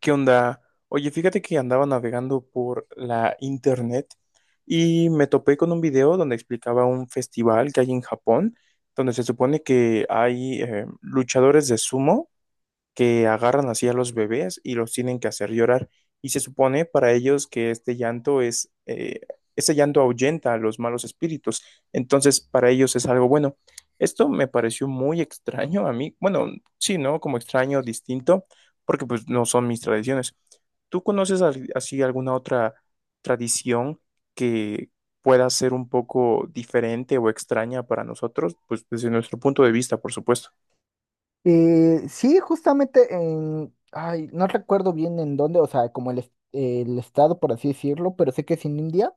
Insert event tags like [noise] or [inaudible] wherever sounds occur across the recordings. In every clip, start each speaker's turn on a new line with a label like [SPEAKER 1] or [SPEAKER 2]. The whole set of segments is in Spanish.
[SPEAKER 1] ¿Qué onda? Oye, fíjate que andaba navegando por la internet y me topé con un video donde explicaba un festival que hay en Japón, donde se supone que hay luchadores de sumo que agarran así a los bebés y los tienen que hacer llorar. Y se supone para ellos que este llanto ese llanto ahuyenta a los malos espíritus. Entonces, para ellos es algo bueno. Esto me pareció muy extraño a mí. Bueno, sí, ¿no? Como extraño, distinto, porque pues no son mis tradiciones. ¿Tú conoces así alguna otra tradición que pueda ser un poco diferente o extraña para nosotros? Pues desde nuestro punto de vista, por supuesto.
[SPEAKER 2] Sí, justamente en, ay, no recuerdo bien en dónde, o sea, como el, el estado, por así decirlo, pero sé que es en India,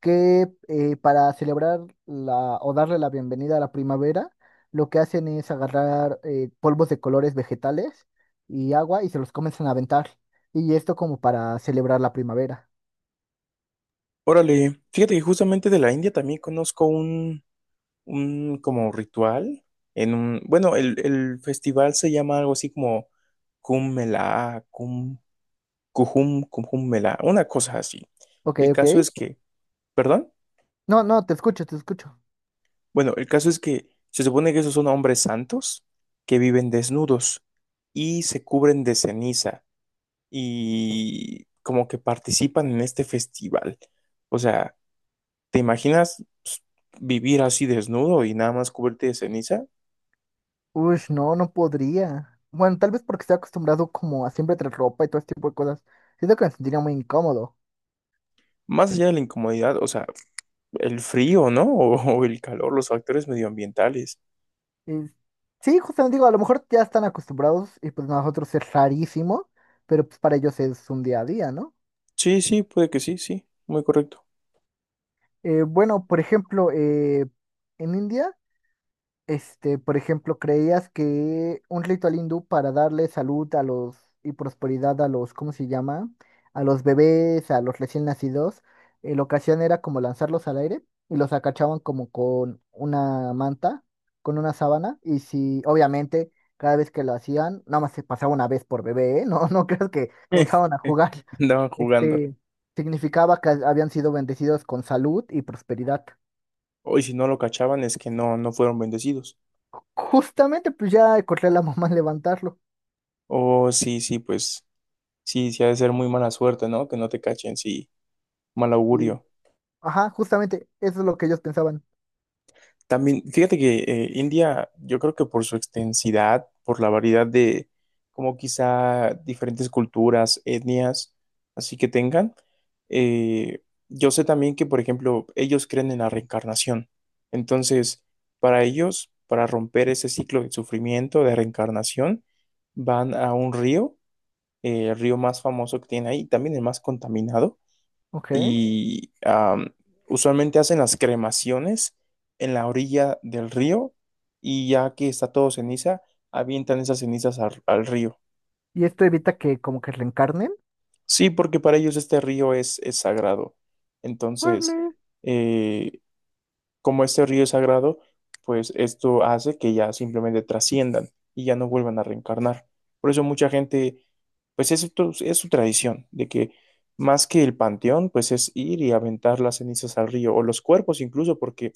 [SPEAKER 2] que para celebrar la, o darle la bienvenida a la primavera, lo que hacen es agarrar polvos de colores vegetales y agua y se los comienzan a aventar. Y esto como para celebrar la primavera.
[SPEAKER 1] Órale, fíjate que justamente de la India también conozco un como ritual en bueno, el festival se llama algo así como Kumbh Mela, Kumbh Mela, una cosa así.
[SPEAKER 2] Ok,
[SPEAKER 1] El
[SPEAKER 2] ok.
[SPEAKER 1] caso es que, ¿perdón?
[SPEAKER 2] No, no, te escucho, te escucho.
[SPEAKER 1] Bueno, el caso es que se supone que esos son hombres santos que viven desnudos y se cubren de ceniza y como que participan en este festival. O sea, ¿te imaginas pues, vivir así desnudo y nada más cubrirte de ceniza?
[SPEAKER 2] Uy, no, no podría. Bueno, tal vez porque estoy acostumbrado como a siempre traer ropa y todo este tipo de cosas. Siento que me sentiría muy incómodo.
[SPEAKER 1] Más allá de la incomodidad, o sea, el frío, ¿no? [laughs] O el calor, los factores medioambientales.
[SPEAKER 2] Y sí, justamente digo, a lo mejor ya están acostumbrados y pues nosotros es rarísimo, pero pues para ellos es un día a día, ¿no?
[SPEAKER 1] Sí, sí, puede que sí, sí, muy correcto.
[SPEAKER 2] Bueno, por ejemplo, en India. Este, por ejemplo, ¿creías que un ritual hindú para darle salud a los y prosperidad a los, ¿cómo se llama? A los bebés, a los recién nacidos, la ocasión era como lanzarlos al aire y los acachaban como con una manta, con una sábana, y si, obviamente, cada vez que lo hacían, nada más se pasaba una vez por bebé, ¿eh? [laughs] No, no creas que comenzaban a
[SPEAKER 1] [laughs]
[SPEAKER 2] jugar.
[SPEAKER 1] Andaban jugando.
[SPEAKER 2] Este, significaba que habían sido bendecidos con salud y prosperidad.
[SPEAKER 1] O y si no lo cachaban es que no, no fueron bendecidos.
[SPEAKER 2] Justamente, pues ya corría la mamá a levantarlo.
[SPEAKER 1] O sí, sí, pues sí, sí ha de ser muy mala suerte, ¿no? Que no te cachen, sí, mal
[SPEAKER 2] Y,
[SPEAKER 1] augurio.
[SPEAKER 2] ajá, justamente eso es lo que ellos pensaban.
[SPEAKER 1] También, fíjate que India, yo creo que por su extensidad, por la variedad de como quizá diferentes culturas, etnias, así que tengan, eh, yo sé también que, por ejemplo, ellos creen en la reencarnación. Entonces, para ellos, para romper ese ciclo de sufrimiento, de reencarnación, van a un río, el río más famoso que tiene ahí, también el más contaminado
[SPEAKER 2] Ok.
[SPEAKER 1] y usualmente hacen las cremaciones en la orilla del río y ya que está todo ceniza, avientan esas cenizas al río.
[SPEAKER 2] ¿Y esto evita que como que reencarnen?
[SPEAKER 1] Sí, porque para ellos este río es sagrado. Entonces,
[SPEAKER 2] Órale.
[SPEAKER 1] eh, Como este río es sagrado, pues esto hace que ya simplemente trasciendan y ya no vuelvan a reencarnar. Por eso mucha gente, pues es su tradición, de que más que el panteón, pues es ir y aventar las cenizas al río o los cuerpos incluso, porque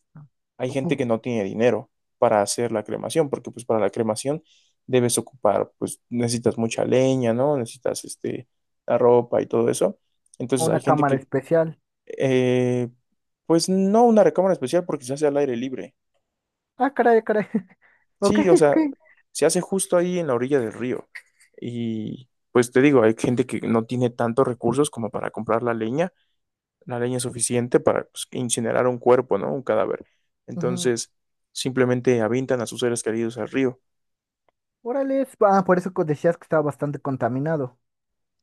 [SPEAKER 1] hay gente
[SPEAKER 2] Ujú.
[SPEAKER 1] que no tiene dinero para hacer la cremación, porque pues para la cremación debes ocupar, pues necesitas mucha leña, ¿no? Necesitas este, la ropa y todo eso. Entonces
[SPEAKER 2] Una
[SPEAKER 1] hay gente
[SPEAKER 2] cámara especial.
[SPEAKER 1] eh, pues no una recámara especial porque se hace al aire libre.
[SPEAKER 2] Ah, caray, caray. [laughs] Ok,
[SPEAKER 1] Sí, o
[SPEAKER 2] ok.
[SPEAKER 1] sea, se hace justo ahí en la orilla del río. Y pues te digo, hay gente que no tiene tantos recursos como para comprar la leña. La leña es suficiente para pues, incinerar un cuerpo, ¿no? Un cadáver.
[SPEAKER 2] Ujú.
[SPEAKER 1] Entonces, simplemente avientan a sus seres queridos al río.
[SPEAKER 2] Órale. Ah, por eso decías que estaba bastante contaminado.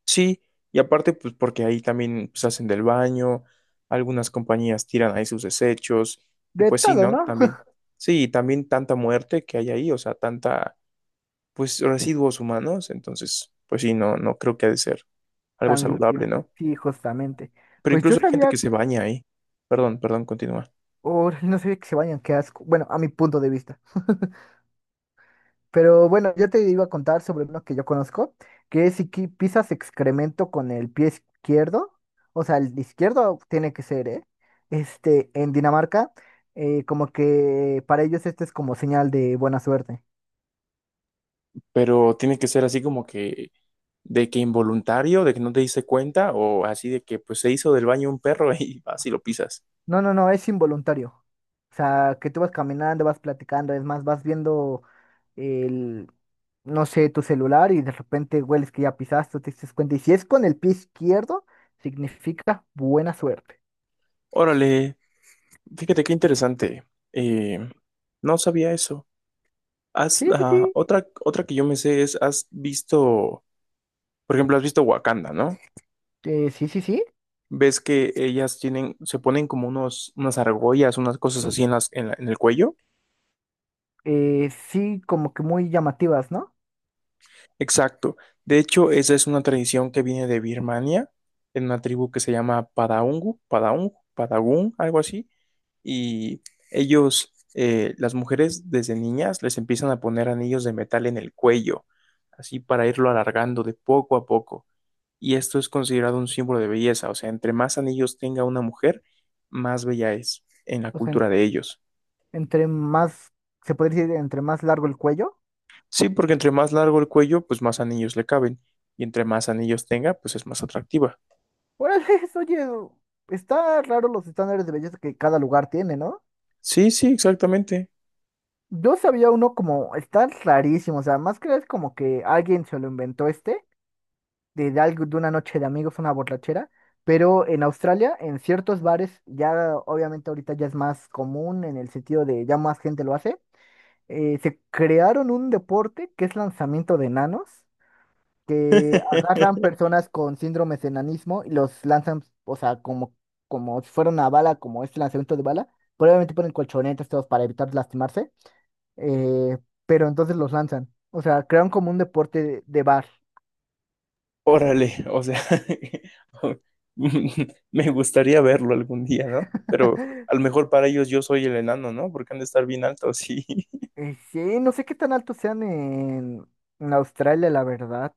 [SPEAKER 1] Sí, y aparte, pues porque ahí también pues, hacen del baño, algunas compañías tiran ahí sus desechos, y
[SPEAKER 2] De
[SPEAKER 1] pues sí,
[SPEAKER 2] todo,
[SPEAKER 1] ¿no?
[SPEAKER 2] ¿no?
[SPEAKER 1] También, sí, también tanta muerte que hay ahí, o sea, tanta, pues residuos humanos, entonces, pues sí, no, no creo que ha de ser
[SPEAKER 2] [laughs]
[SPEAKER 1] algo
[SPEAKER 2] Tan
[SPEAKER 1] saludable,
[SPEAKER 2] limpio.
[SPEAKER 1] ¿no?
[SPEAKER 2] Sí, justamente.
[SPEAKER 1] Pero
[SPEAKER 2] Pues yo
[SPEAKER 1] incluso hay gente que
[SPEAKER 2] sabía,
[SPEAKER 1] se baña ahí, perdón, perdón, continúa.
[SPEAKER 2] o no sabía que se bañan, qué asco. Bueno, a mi punto de vista. [laughs] Pero bueno, yo te iba a contar sobre uno que yo conozco, que es si pisas excremento con el pie izquierdo, o sea, el izquierdo tiene que ser, ¿eh? Este, en Dinamarca, como que para ellos este es como señal de buena suerte.
[SPEAKER 1] Pero tiene que ser así como que de que involuntario, de que no te diste cuenta o así de que pues se hizo del baño un perro [laughs] y vas y lo pisas.
[SPEAKER 2] No, no, no, es involuntario. O sea, que tú vas caminando, vas platicando, es más, vas viendo el, no sé, tu celular y de repente hueles que ya pisaste, te das cuenta. Y si es con el pie izquierdo, significa buena suerte.
[SPEAKER 1] Órale, fíjate qué interesante. Eh, no sabía eso. Has,
[SPEAKER 2] Sí, sí, sí.
[SPEAKER 1] ah, otra, otra que yo me sé es, has visto, por ejemplo, has visto Wakanda, ¿no?
[SPEAKER 2] Sí, sí, sí.
[SPEAKER 1] Ves que ellas tienen, se ponen como unos, unas argollas, unas cosas así en las, en el cuello.
[SPEAKER 2] Sí, como que muy llamativas, ¿no?
[SPEAKER 1] Exacto. De hecho, esa es una tradición que viene de Birmania, en una tribu que se llama Padagun, algo así. Y las mujeres desde niñas, les empiezan a poner anillos de metal en el cuello, así para irlo alargando de poco a poco. Y esto es considerado un símbolo de belleza, o sea, entre más anillos tenga una mujer, más bella es en la
[SPEAKER 2] O sea,
[SPEAKER 1] cultura de ellos.
[SPEAKER 2] entre más, se podría decir, entre más largo el cuello.
[SPEAKER 1] Sí, porque entre más largo el cuello, pues más anillos le caben, y entre más anillos tenga, pues es más atractiva.
[SPEAKER 2] Órale, [laughs] oye, está raro los estándares de belleza que cada lugar tiene, ¿no?
[SPEAKER 1] Sí, sí, exactamente.
[SPEAKER 2] Yo sabía uno como, está rarísimo, o sea, más que es como que alguien se lo inventó este, de algo, de una noche de amigos, una borrachera, pero en Australia, en ciertos bares, ya obviamente ahorita ya es más común en el sentido de ya más gente lo hace. Se crearon un deporte que es lanzamiento de enanos, que agarran
[SPEAKER 1] [laughs]
[SPEAKER 2] personas con síndromes de enanismo y los lanzan, o sea, como, como si fuera una bala, como este lanzamiento de bala. Probablemente ponen colchonetas todos para evitar lastimarse, eh, pero entonces los lanzan. O sea, crearon como un deporte de bar.
[SPEAKER 1] Órale, o sea, [laughs] me gustaría verlo algún día, ¿no? Pero
[SPEAKER 2] [laughs]
[SPEAKER 1] a lo mejor para ellos yo soy el enano, ¿no? Porque han de estar bien altos, sí. [laughs]
[SPEAKER 2] Sí, no sé qué tan altos sean en Australia, la verdad.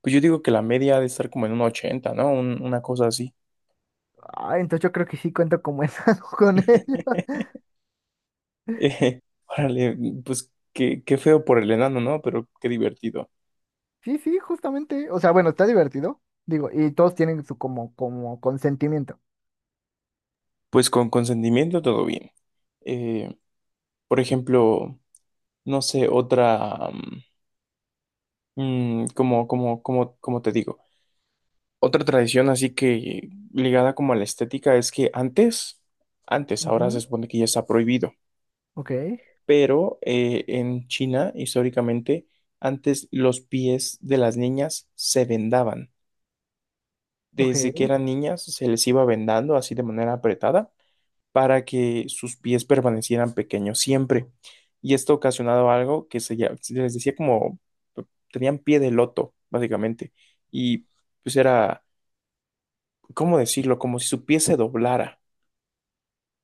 [SPEAKER 1] Pues yo digo que la media ha de estar como en un 80, ¿no? Un- una cosa así. [laughs]
[SPEAKER 2] Ah, entonces yo creo que sí cuento como enano [laughs] con ellos.
[SPEAKER 1] Eh, Órale, pues qué feo por el enano, ¿no? Pero qué divertido.
[SPEAKER 2] Sí, sí, justamente. O sea, bueno, está divertido. Digo, y todos tienen su como, como consentimiento.
[SPEAKER 1] Pues con consentimiento todo bien. Eh, por ejemplo, no sé, como te digo. Otra tradición así que ligada como a la estética es que antes, ahora se
[SPEAKER 2] Ujú.
[SPEAKER 1] supone que ya está prohibido,
[SPEAKER 2] Ok,
[SPEAKER 1] pero en China históricamente antes los pies de las niñas se vendaban. Desde que
[SPEAKER 2] ok.
[SPEAKER 1] eran niñas se les iba vendando así de manera apretada para que sus pies permanecieran pequeños siempre. Y esto ocasionaba algo que se les decía como tenían pie de loto, básicamente. Y pues era, ¿cómo decirlo? Como si su pie se doblara.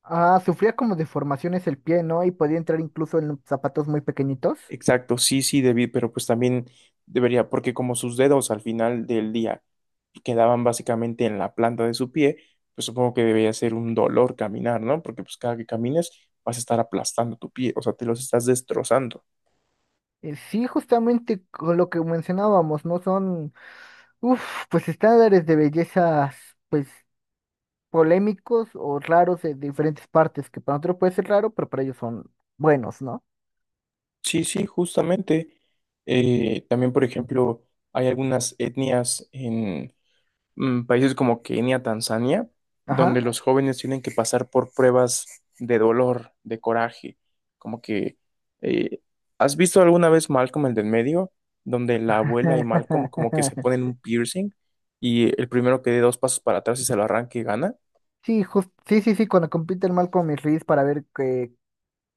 [SPEAKER 2] Ah, sufría como deformaciones el pie, ¿no? Y podía entrar incluso en zapatos muy pequeñitos.
[SPEAKER 1] Exacto, sí, sí, David, pero pues también debería, porque como sus dedos al final del día quedaban básicamente en la planta de su pie, pues supongo que debería ser un dolor caminar, ¿no? Porque pues cada que camines vas a estar aplastando tu pie, o sea, te los estás destrozando.
[SPEAKER 2] Sí, justamente con lo que mencionábamos, ¿no? Son, uff, pues estándares de bellezas, pues polémicos o raros de diferentes partes, que para nosotros puede ser raro, pero para ellos son buenos, ¿no?
[SPEAKER 1] Sí, sí, justamente. También, por ejemplo, hay algunas etnias, países como Kenia, Tanzania, donde
[SPEAKER 2] Ajá.
[SPEAKER 1] los jóvenes tienen que pasar por pruebas de dolor, de coraje, como que eh, ¿has visto alguna vez Malcolm el del medio, donde la abuela y Malcolm como que se
[SPEAKER 2] [laughs]
[SPEAKER 1] ponen un piercing y el primero que dé dos pasos para atrás y se lo arranque y gana?
[SPEAKER 2] Sí, sí, sí, sí, cuando compite el Malcolm y Reese para ver que,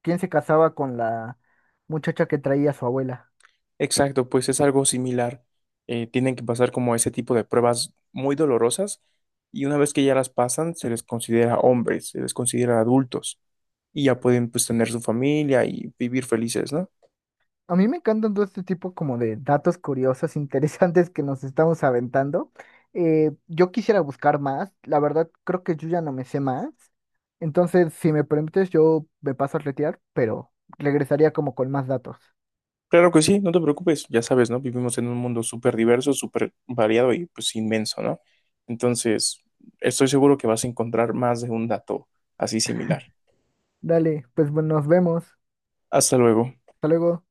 [SPEAKER 2] quién se casaba con la muchacha que traía a su abuela.
[SPEAKER 1] Exacto, pues es algo similar. Tienen que pasar como ese tipo de pruebas muy dolorosas y una vez que ya las pasan, se les considera hombres, se les considera adultos. Y ya pueden pues tener su familia y vivir felices, ¿no?
[SPEAKER 2] A mí me encantan todo este tipo como de datos curiosos, [laughs] interesantes que nos estamos aventando. Yo quisiera buscar más, la verdad creo que yo ya no me sé más. Entonces, si me permites, yo me paso a retirar, pero regresaría como con más datos.
[SPEAKER 1] Claro que sí, no te preocupes, ya sabes, ¿no? Vivimos en un mundo súper diverso, súper variado y pues inmenso, ¿no? Entonces, estoy seguro que vas a encontrar más de un dato así similar.
[SPEAKER 2] Dale, pues bueno, nos vemos.
[SPEAKER 1] Hasta luego.
[SPEAKER 2] Hasta luego.